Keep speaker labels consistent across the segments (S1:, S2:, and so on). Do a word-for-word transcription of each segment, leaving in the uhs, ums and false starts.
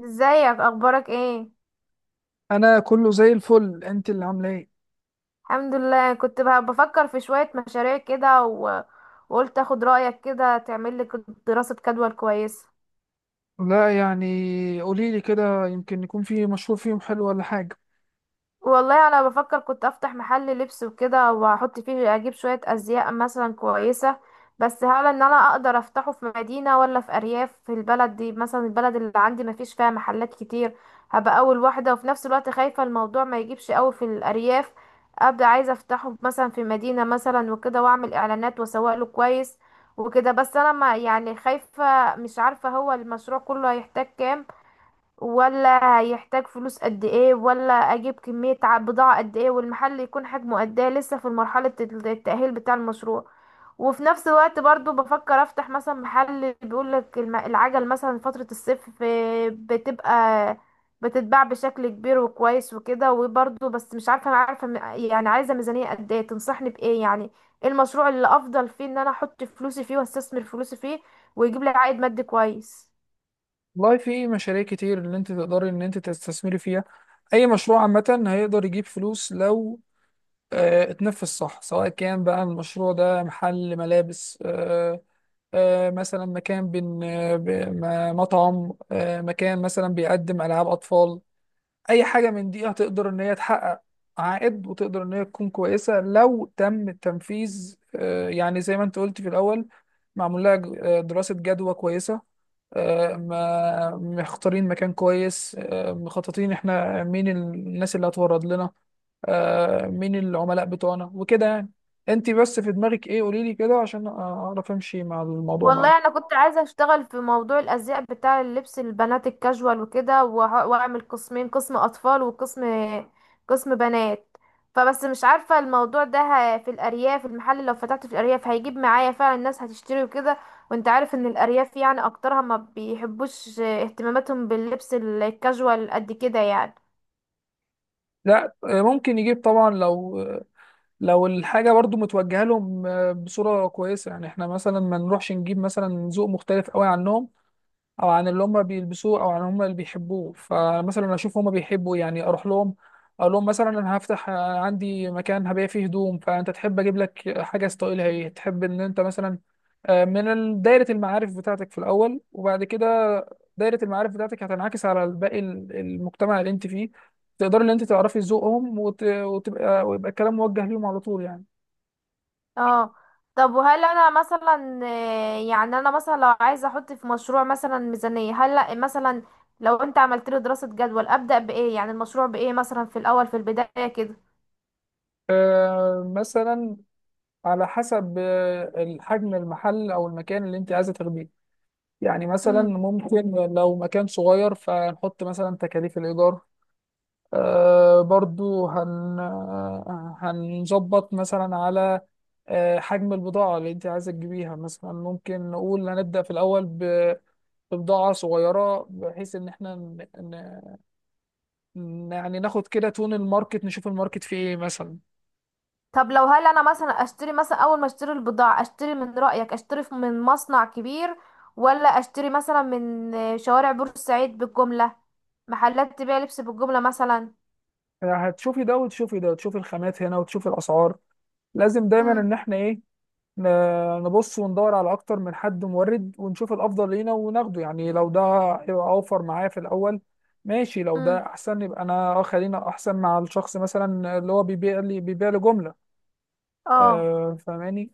S1: ازيك؟ اخبارك ايه؟
S2: انا كله زي الفل. انت اللي عامله ايه؟
S1: الحمد لله. كنت ب- بفكر في شوية مشاريع كده و... وقلت اخد رأيك كده، تعمل لي دراسة جدوى كويسة.
S2: لا يعني قولي لي كده، يمكن يكون في مشروع فيهم حلو ولا حاجه.
S1: والله انا بفكر كنت افتح محل لبس وكده، واحط فيه اجيب شوية ازياء مثلا كويسة. بس هل ان انا اقدر افتحه في مدينة ولا في ارياف؟ في البلد دي مثلا البلد اللي عندي مفيش فيها محلات كتير. هبقى اول واحدة، وفي نفس الوقت خايفة الموضوع ما يجيبش قوي في الارياف. ابدا عايزة افتحه مثلا في مدينة مثلا وكده، واعمل اعلانات واسوق له كويس وكده. بس انا ما يعني خايفة، مش عارفة هو المشروع كله هيحتاج كام؟ ولا هيحتاج فلوس قد ايه؟ ولا اجيب كمية ع- بضاعة قد ايه؟ والمحل يكون حجمه قد ايه؟ لسه في مرحلة التأهيل بتاع المشروع. وفي نفس الوقت برضو بفكر افتح مثلا محل بيقولك الم- العجل، مثلا فترة الصيف آه، بتبقى بتتباع بشكل كبير وكويس وكده وبرضو. بس مش عارفة، انا عارفة م- يعني عايزة ميزانية قد ايه؟ تنصحني بايه يعني؟ ايه المشروع اللي افضل فيه ان انا احط فلوسي فيه واستثمر فلوسي فيه ويجيب لي عائد مادي كويس؟
S2: والله في مشاريع كتير اللي انت تقدري ان انت تستثمري فيها. اي مشروع عامه هيقدر يجيب فلوس لو آه، اتنفذ صح، سواء كان بقى المشروع ده محل ملابس، آه، آه، مثلا مكان بن آه، ب- م- مطعم، آه، مكان مثلا بيقدم العاب اطفال. اي حاجه من دي هتقدر ان هي تحقق عائد، وتقدر ان هي تكون كويسه لو تم التنفيذ. آه، يعني زي ما انت قلت في الاول، معمول لها ج- آه، دراسه جدوى كويسه، آه، ما مختارين مكان كويس، آه، مخططين احنا مين الناس اللي هتورد لنا، آه، مين العملاء بتوعنا وكده يعني. انت بس في دماغك ايه؟ قولي لي كده عشان اعرف امشي مع الموضوع
S1: والله
S2: معاك.
S1: انا كنت عايزه اشتغل في موضوع الازياء بتاع اللبس البنات الكاجوال وكده وه- واعمل قسمين، قسم اطفال وقسم قسم بنات. فبس مش عارفه الموضوع ده ه- في الارياف المحل لو فتحته في الارياف هيجيب معايا، فعلا الناس هتشتري وكده؟ وانت عارف ان الارياف يعني اكترها ما بيحبوش، اهتماماتهم باللبس الكاجوال قد كده يعني.
S2: لا آه، ممكن يجيب طبعا، لو لو الحاجة برضو متوجهة لهم آه، بصورة كويسة. يعني احنا مثلا ما نروحش نجيب مثلا ذوق مختلف قوي عنهم، او عن اللي هم بيلبسوه، او عن هم اللي بيحبوه. فمثلا اشوف هم بيحبوا يعني، اروح لهم اقول لهم مثلا انا هفتح آه، عندي مكان هبيع فيه هدوم، فانت تحب اجيب لك حاجه ستايلها ايه، تحب ان انت مثلا آه، من ال- دايره المعارف بتاعتك في الاول، وبعد كده دايره المعارف بتاعتك هتنعكس على باقي ال- المجتمع اللي انت فيه. تقدر ان انت تعرفي ذوقهم وت... وتبقى ويبقى الكلام موجه ليهم على طول يعني.
S1: اه. طب وهل انا مثلا آه، يعني انا مثلا لو عايزه احط في مشروع مثلا ميزانيه، هل لأ مثلا لو انت عملت له دراسه جدول ابدا بايه يعني المشروع بايه مثلا في الاول في البدايه كده؟
S2: آه، مثلا على حسب آه، الحجم المحل او المكان اللي انت عايزه تاخديه. يعني مثلا
S1: مم.
S2: ممكن لو مكان صغير فنحط مثلا تكاليف الإيجار. آه برضو هن آه، هنظبط مثلا على آه حجم البضاعة اللي أنت عايزة تجيبيها. مثلا ممكن نقول هنبدأ في الأول ب- ببضاعة صغيرة، بحيث إن إحنا ن... ن... يعني ناخد كده تون الماركت، نشوف الماركت فيه إيه مثلا.
S1: طب لو هل انا مثلا اشتري، مثلا اول ما اشتري البضاعة اشتري من رأيك، اشتري ف- من مصنع كبير ولا اشتري مثلا من آه، شوارع بورسعيد بالجملة، محلات تبيع لبس بالجملة مثلا؟
S2: يعني هتشوفي ده وتشوفي ده وتشوفي الخامات هنا وتشوفي الأسعار. لازم دايما
S1: مم.
S2: إن إحنا إيه، ن- نبص وندور على اكتر من حد مورد، ونشوف الافضل لينا وناخده. يعني لو ده هيبقى اوفر معايا في الاول ماشي، لو
S1: مم.
S2: ده احسن يبقى انا آه، خلينا احسن مع الشخص مثلا اللي هو بيبيع لي بيبيع لي جملة.
S1: اه،
S2: آه فاهماني؟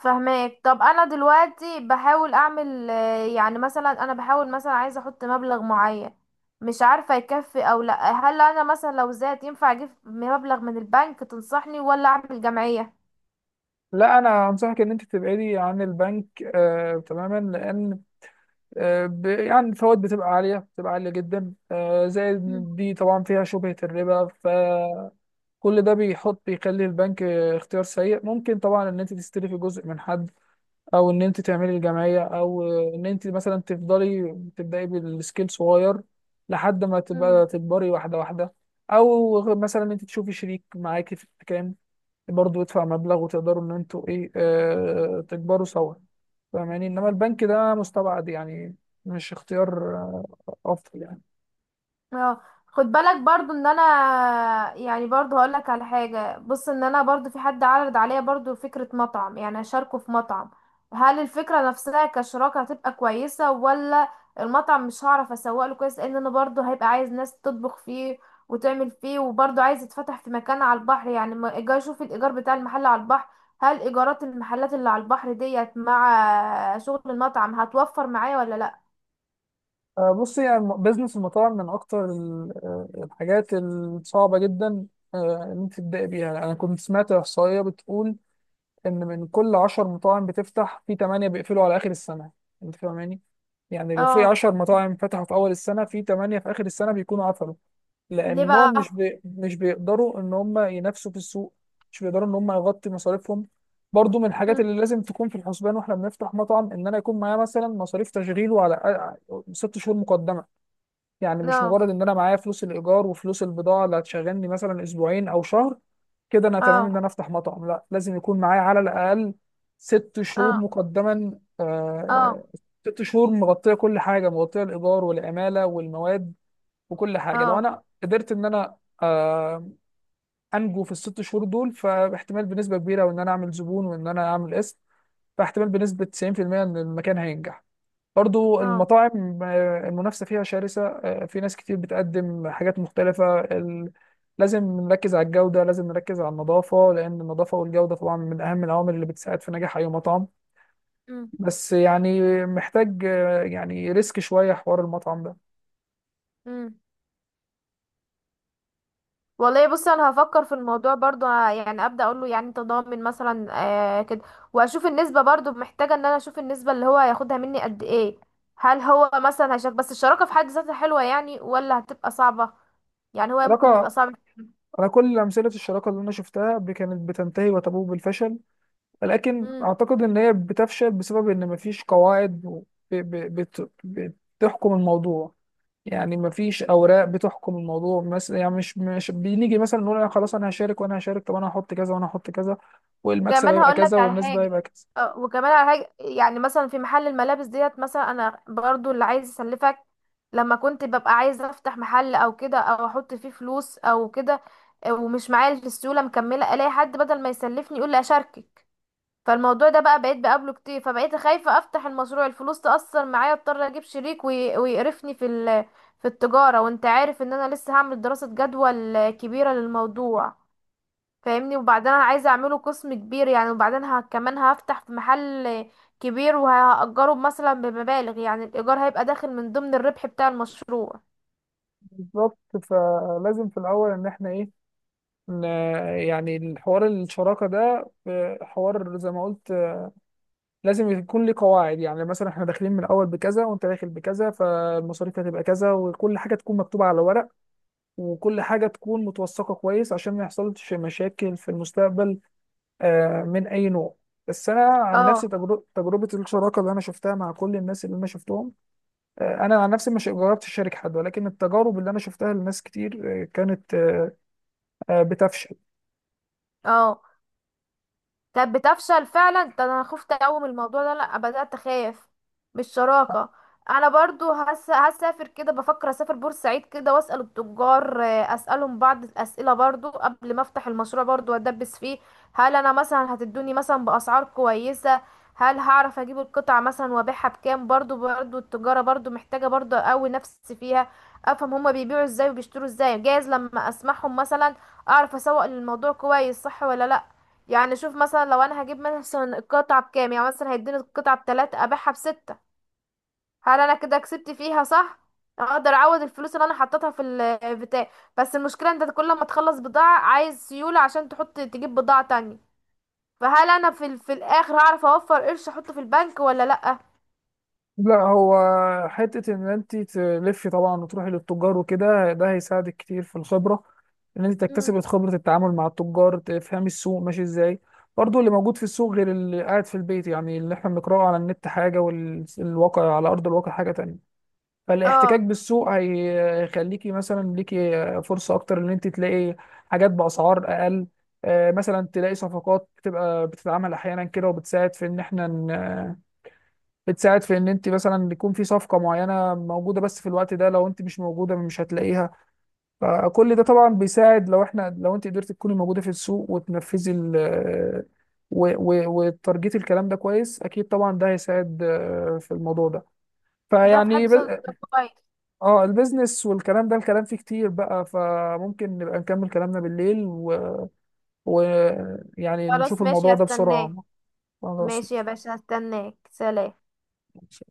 S1: فهماك. طب انا دلوقتي بحاول اعمل آه، يعني مثلا انا بحاول مثلا عايزه احط مبلغ معين، مش عارفه يكفي او لا. هل انا مثلا لو زاد ينفع اجيب مبلغ من البنك؟ تنصحني ولا اعمل جمعيه؟
S2: لا انا انصحك ان انت تبعدي عن البنك آه تماما، لان آه ب- يعني الفوائد بتبقى عالية، بتبقى عالية جدا، آه زائد إن دي طبعا فيها شبهة الربا. ف كل ده بيحط، بيخلي البنك آه، اختيار سيء. ممكن طبعا ان انت تستلفي جزء من حد، او ان انت تعملي الجمعيه، او ان انت مثلا تفضلي تبداي بالسكيل صغير لحد ما
S1: مم.
S2: تبقى تكبري واحده واحده. او مثلا انت تشوفي شريك معاكي في الكلام، برضه يدفع مبلغ، وتقدروا ان انتوا ايه آه تكبروا سوا. فاهماني؟ انما البنك ده مستبعد يعني، مش اختيار آه، افضل يعني.
S1: اه، خد بالك برضو ان انا يعني برضو هقول لك على حاجه. بص ان انا برضو في حد عرض عليا برضو فكره مطعم، يعني اشاركه في مطعم. هل الفكره نفسها كشراكه هتبقى كويسه ولا؟ المطعم مش هعرف اسوق له كويس، لان انا برضو هيبقى عايز ناس تطبخ فيه وتعمل فيه، وبرضو عايز يتفتح في مكان على البحر، يعني ما اجي اشوف الايجار بتاع المحل على البحر. هل ايجارات المحلات اللي على البحر ديت مع شغل المطعم هتوفر معايا ولا لا؟
S2: آه، بصي، يعني بزنس المطاعم من اكتر ال- آه، الحاجات الصعبه جدا آه، ان انت تبداي بيها. انا كنت سمعت احصائيه بتقول ان من كل عشر مطاعم بتفتح، في تمانية بيقفلوا على اخر السنه. انت فاهماني؟ يعني لو في
S1: اه.
S2: عشر مطاعم فتحوا في اول السنه، في تمانية في اخر السنه بيكونوا قفلوا،
S1: ليه
S2: لانهم مش
S1: بقى؟
S2: بي... مش بيقدروا ان هم ينافسوا في السوق، مش بيقدروا ان هم يغطي مصاريفهم. برضو من الحاجات
S1: مم.
S2: اللي لازم تكون في الحسبان واحنا بنفتح مطعم، ان انا يكون معايا مثلا مصاريف تشغيله على ست شهور مقدمه. يعني مش
S1: اه.
S2: مجرد ان انا معايا فلوس الايجار وفلوس البضاعه اللي هتشغلني مثلا اسبوعين او شهر كده انا تمام ان
S1: اه.
S2: انا افتح مطعم. لا، لازم يكون معايا على الاقل ست شهور
S1: اه.
S2: مقدما.
S1: اه.
S2: آه ست شهور مغطيه كل حاجه، مغطيه الايجار والعماله والمواد وكل حاجه. لو
S1: اه.
S2: انا قدرت ان انا آه انجو في الست شهور دول، فاحتمال بنسبه كبيره وان انا اعمل زبون وان انا اعمل اسم، فاحتمال بنسبه تسعين في المية ان المكان هينجح. برضو
S1: اه.
S2: المطاعم آه، المنافسة فيها شرسة، آه، في ناس كتير بتقدم حاجات مختلفة. ال- لازم نركز على الجودة، لازم نركز على النظافة، لأن النظافة والجودة طبعا من أهم العوامل اللي بتساعد في نجاح أي مطعم.
S1: امم.
S2: بس يعني محتاج آه، يعني ريسك شوية، حوار المطعم ده.
S1: امم. والله بصي انا هفكر في الموضوع برضو ه- يعني، ابدا اقول له يعني انت ضامن مثلا، آه كده. واشوف النسبه، برضو محتاجه ان انا اشوف النسبه اللي هو هياخدها مني قد ايه. هل هو مثلا هيشارك؟ بس الشراكه في حد ذاتها حلوه يعني ولا هتبقى صعبه؟ يعني هو ممكن يبقى
S2: شراكة؟
S1: صعب.
S2: أنا كل أمثلة الشراكة اللي أنا شفتها ب- كانت بتنتهي وتبوء بالفشل. لكن
S1: مم.
S2: أعتقد إن هي بتفشل بسبب إن مفيش قواعد و- ب- ب- بت- بتحكم الموضوع. يعني مفيش اوراق بتحكم الموضوع. مثلا يعني مش مش بنيجي مثلا نقول أنا خلاص انا هشارك وانا هشارك، طب انا هحط كذا وانا هحط كذا، والمكسب
S1: وكمان
S2: هيبقى
S1: هقول
S2: كذا
S1: لك على
S2: والنسبه
S1: حاجه.
S2: هيبقى كذا.
S1: اه، وكمان على حاجه، يعني مثلا في محل الملابس ديت مثلا، انا برضو اللي عايز اسلفك لما كنت ببقى عايزه افتح محل او كده او احط فيه فلوس او كده. اه، ومش معايا السيوله مكمله، الاقي حد بدل ما يسلفني يقول لي اشاركك. فالموضوع ده بقى بقيت بقابله كتير، فبقيت خايفه افتح المشروع الفلوس تاثر معايا، اضطر اجيب شريك وي- ويقرفني في ال- في التجاره. وانت عارف ان انا لسه هعمل دراسه جدوى كبيره للموضوع. فاهمني؟ وبعدين انا عايزه اعمله قسم كبير يعني، وبعدين ه... كمان هفتح في محل كبير وهأجره مثلا بمبالغ، يعني الايجار هيبقى داخل من ضمن الربح بتاع المشروع.
S2: بالظبط. فلازم في الاول ان احنا ايه، ن- يعني الحوار الشراكه ده آه، حوار زي ما قلت، آه، لازم يكون ليه قواعد. يعني مثلا احنا داخلين من الاول بكذا، وانت داخل بكذا، فالمصاريف هتبقى كذا، وكل حاجه تكون مكتوبه على ورق، وكل حاجه تكون متوثقه كويس عشان ما يحصلش مشاكل في المستقبل آه، من اي نوع. بس انا عن نفسي،
S1: اه.
S2: تجربه تجربه الشراكه اللي انا شفتها مع كل الناس اللي انا شفتهم، آه، انا عن نفسي مش جربت اشارك حد، ولكن التجارب اللي انا شفتها لناس كتير آه، كانت آه، آه، بتفشل.
S1: اه. كانت بتفشل فعلا، ده انا خفت قوي من الموضوع ده، لا بدأت اخاف من الشراكة. انا برضو هس... هسافر كده، بفكر اسافر بورسعيد كده واسأل التجار، آه، اسألهم بعض الاسئلة برضو قبل ما افتح المشروع برضو وادبس فيه. هل انا مثلا هتدوني مثلا باسعار كويسة؟ هل هعرف اجيب القطع مثلا وابيعها بكام؟ برضو برضو التجارة برضو محتاجة، برضو اقوي نفسي فيها، افهم هما بيبيعوا ازاي وبيشتروا ازاي، جايز لما اسمعهم مثلا اعرف اسوق للموضوع كويس، صح ولا لا؟ يعني شوف مثلا لو انا هجيب مثلا القطعة بكام، يعني مثلا هيديني القطعة بتلاتة ابيعها بستة، هل انا كده كسبت فيها صح؟ اقدر اعوض الفلوس اللي انا حطيتها في البتاع؟ بس المشكلة انت كل ما تخلص بضاعة عايز سيولة عشان تحط تجيب بضاعة تانية، فهل انا في, ال- في الاخر هعرف اوفر قرش احطه في البنك ولا لأ؟
S2: لا هو حته ان انت تلفي طبعا وتروحي للتجار وكده، ده هيساعدك كتير في الخبره، ان انت
S1: مم.
S2: تكتسبي خبره التعامل مع التجار، تفهمي السوق ماشي ازاي. برضه اللي موجود في السوق غير اللي قاعد في البيت، يعني اللي احنا بنقراه على النت حاجه والواقع على ارض الواقع حاجه تانية. فالاحتكاك
S1: اه،
S2: بالسوق هي- هيخليكي مثلا ليكي فرصة أكتر إن أنت تلاقي حاجات بأسعار أقل. آه، مثلا تلاقي صفقات بتبقى بتتعمل أحيانا كده، وبتساعد في إن إحنا ن- بتساعد في إن أنت مثلا يكون في صفقة معينة موجودة، بس في الوقت ده لو أنت مش موجودة مش هتلاقيها. فكل ده طبعا بيساعد، لو إحنا، لو أنت قدرت تكوني موجودة في السوق وتنفذي ال و- و- وتارجتي الكلام ده كويس، أكيد طبعا ده هيساعد آه، في الموضوع ده
S1: ده في
S2: فيعني.
S1: حد صدق كويس.
S2: اه، البيزنس والكلام ده الكلام فيه كتير بقى، فممكن نبقى نكمل كلامنا بالليل ويعني و... ويعني
S1: خلاص
S2: نشوف الموضوع
S1: ماشي،
S2: ده
S1: هستناك.
S2: بسرعة. خلاص
S1: ماشي يا باشا، هستناك. سلام.
S2: ماشي.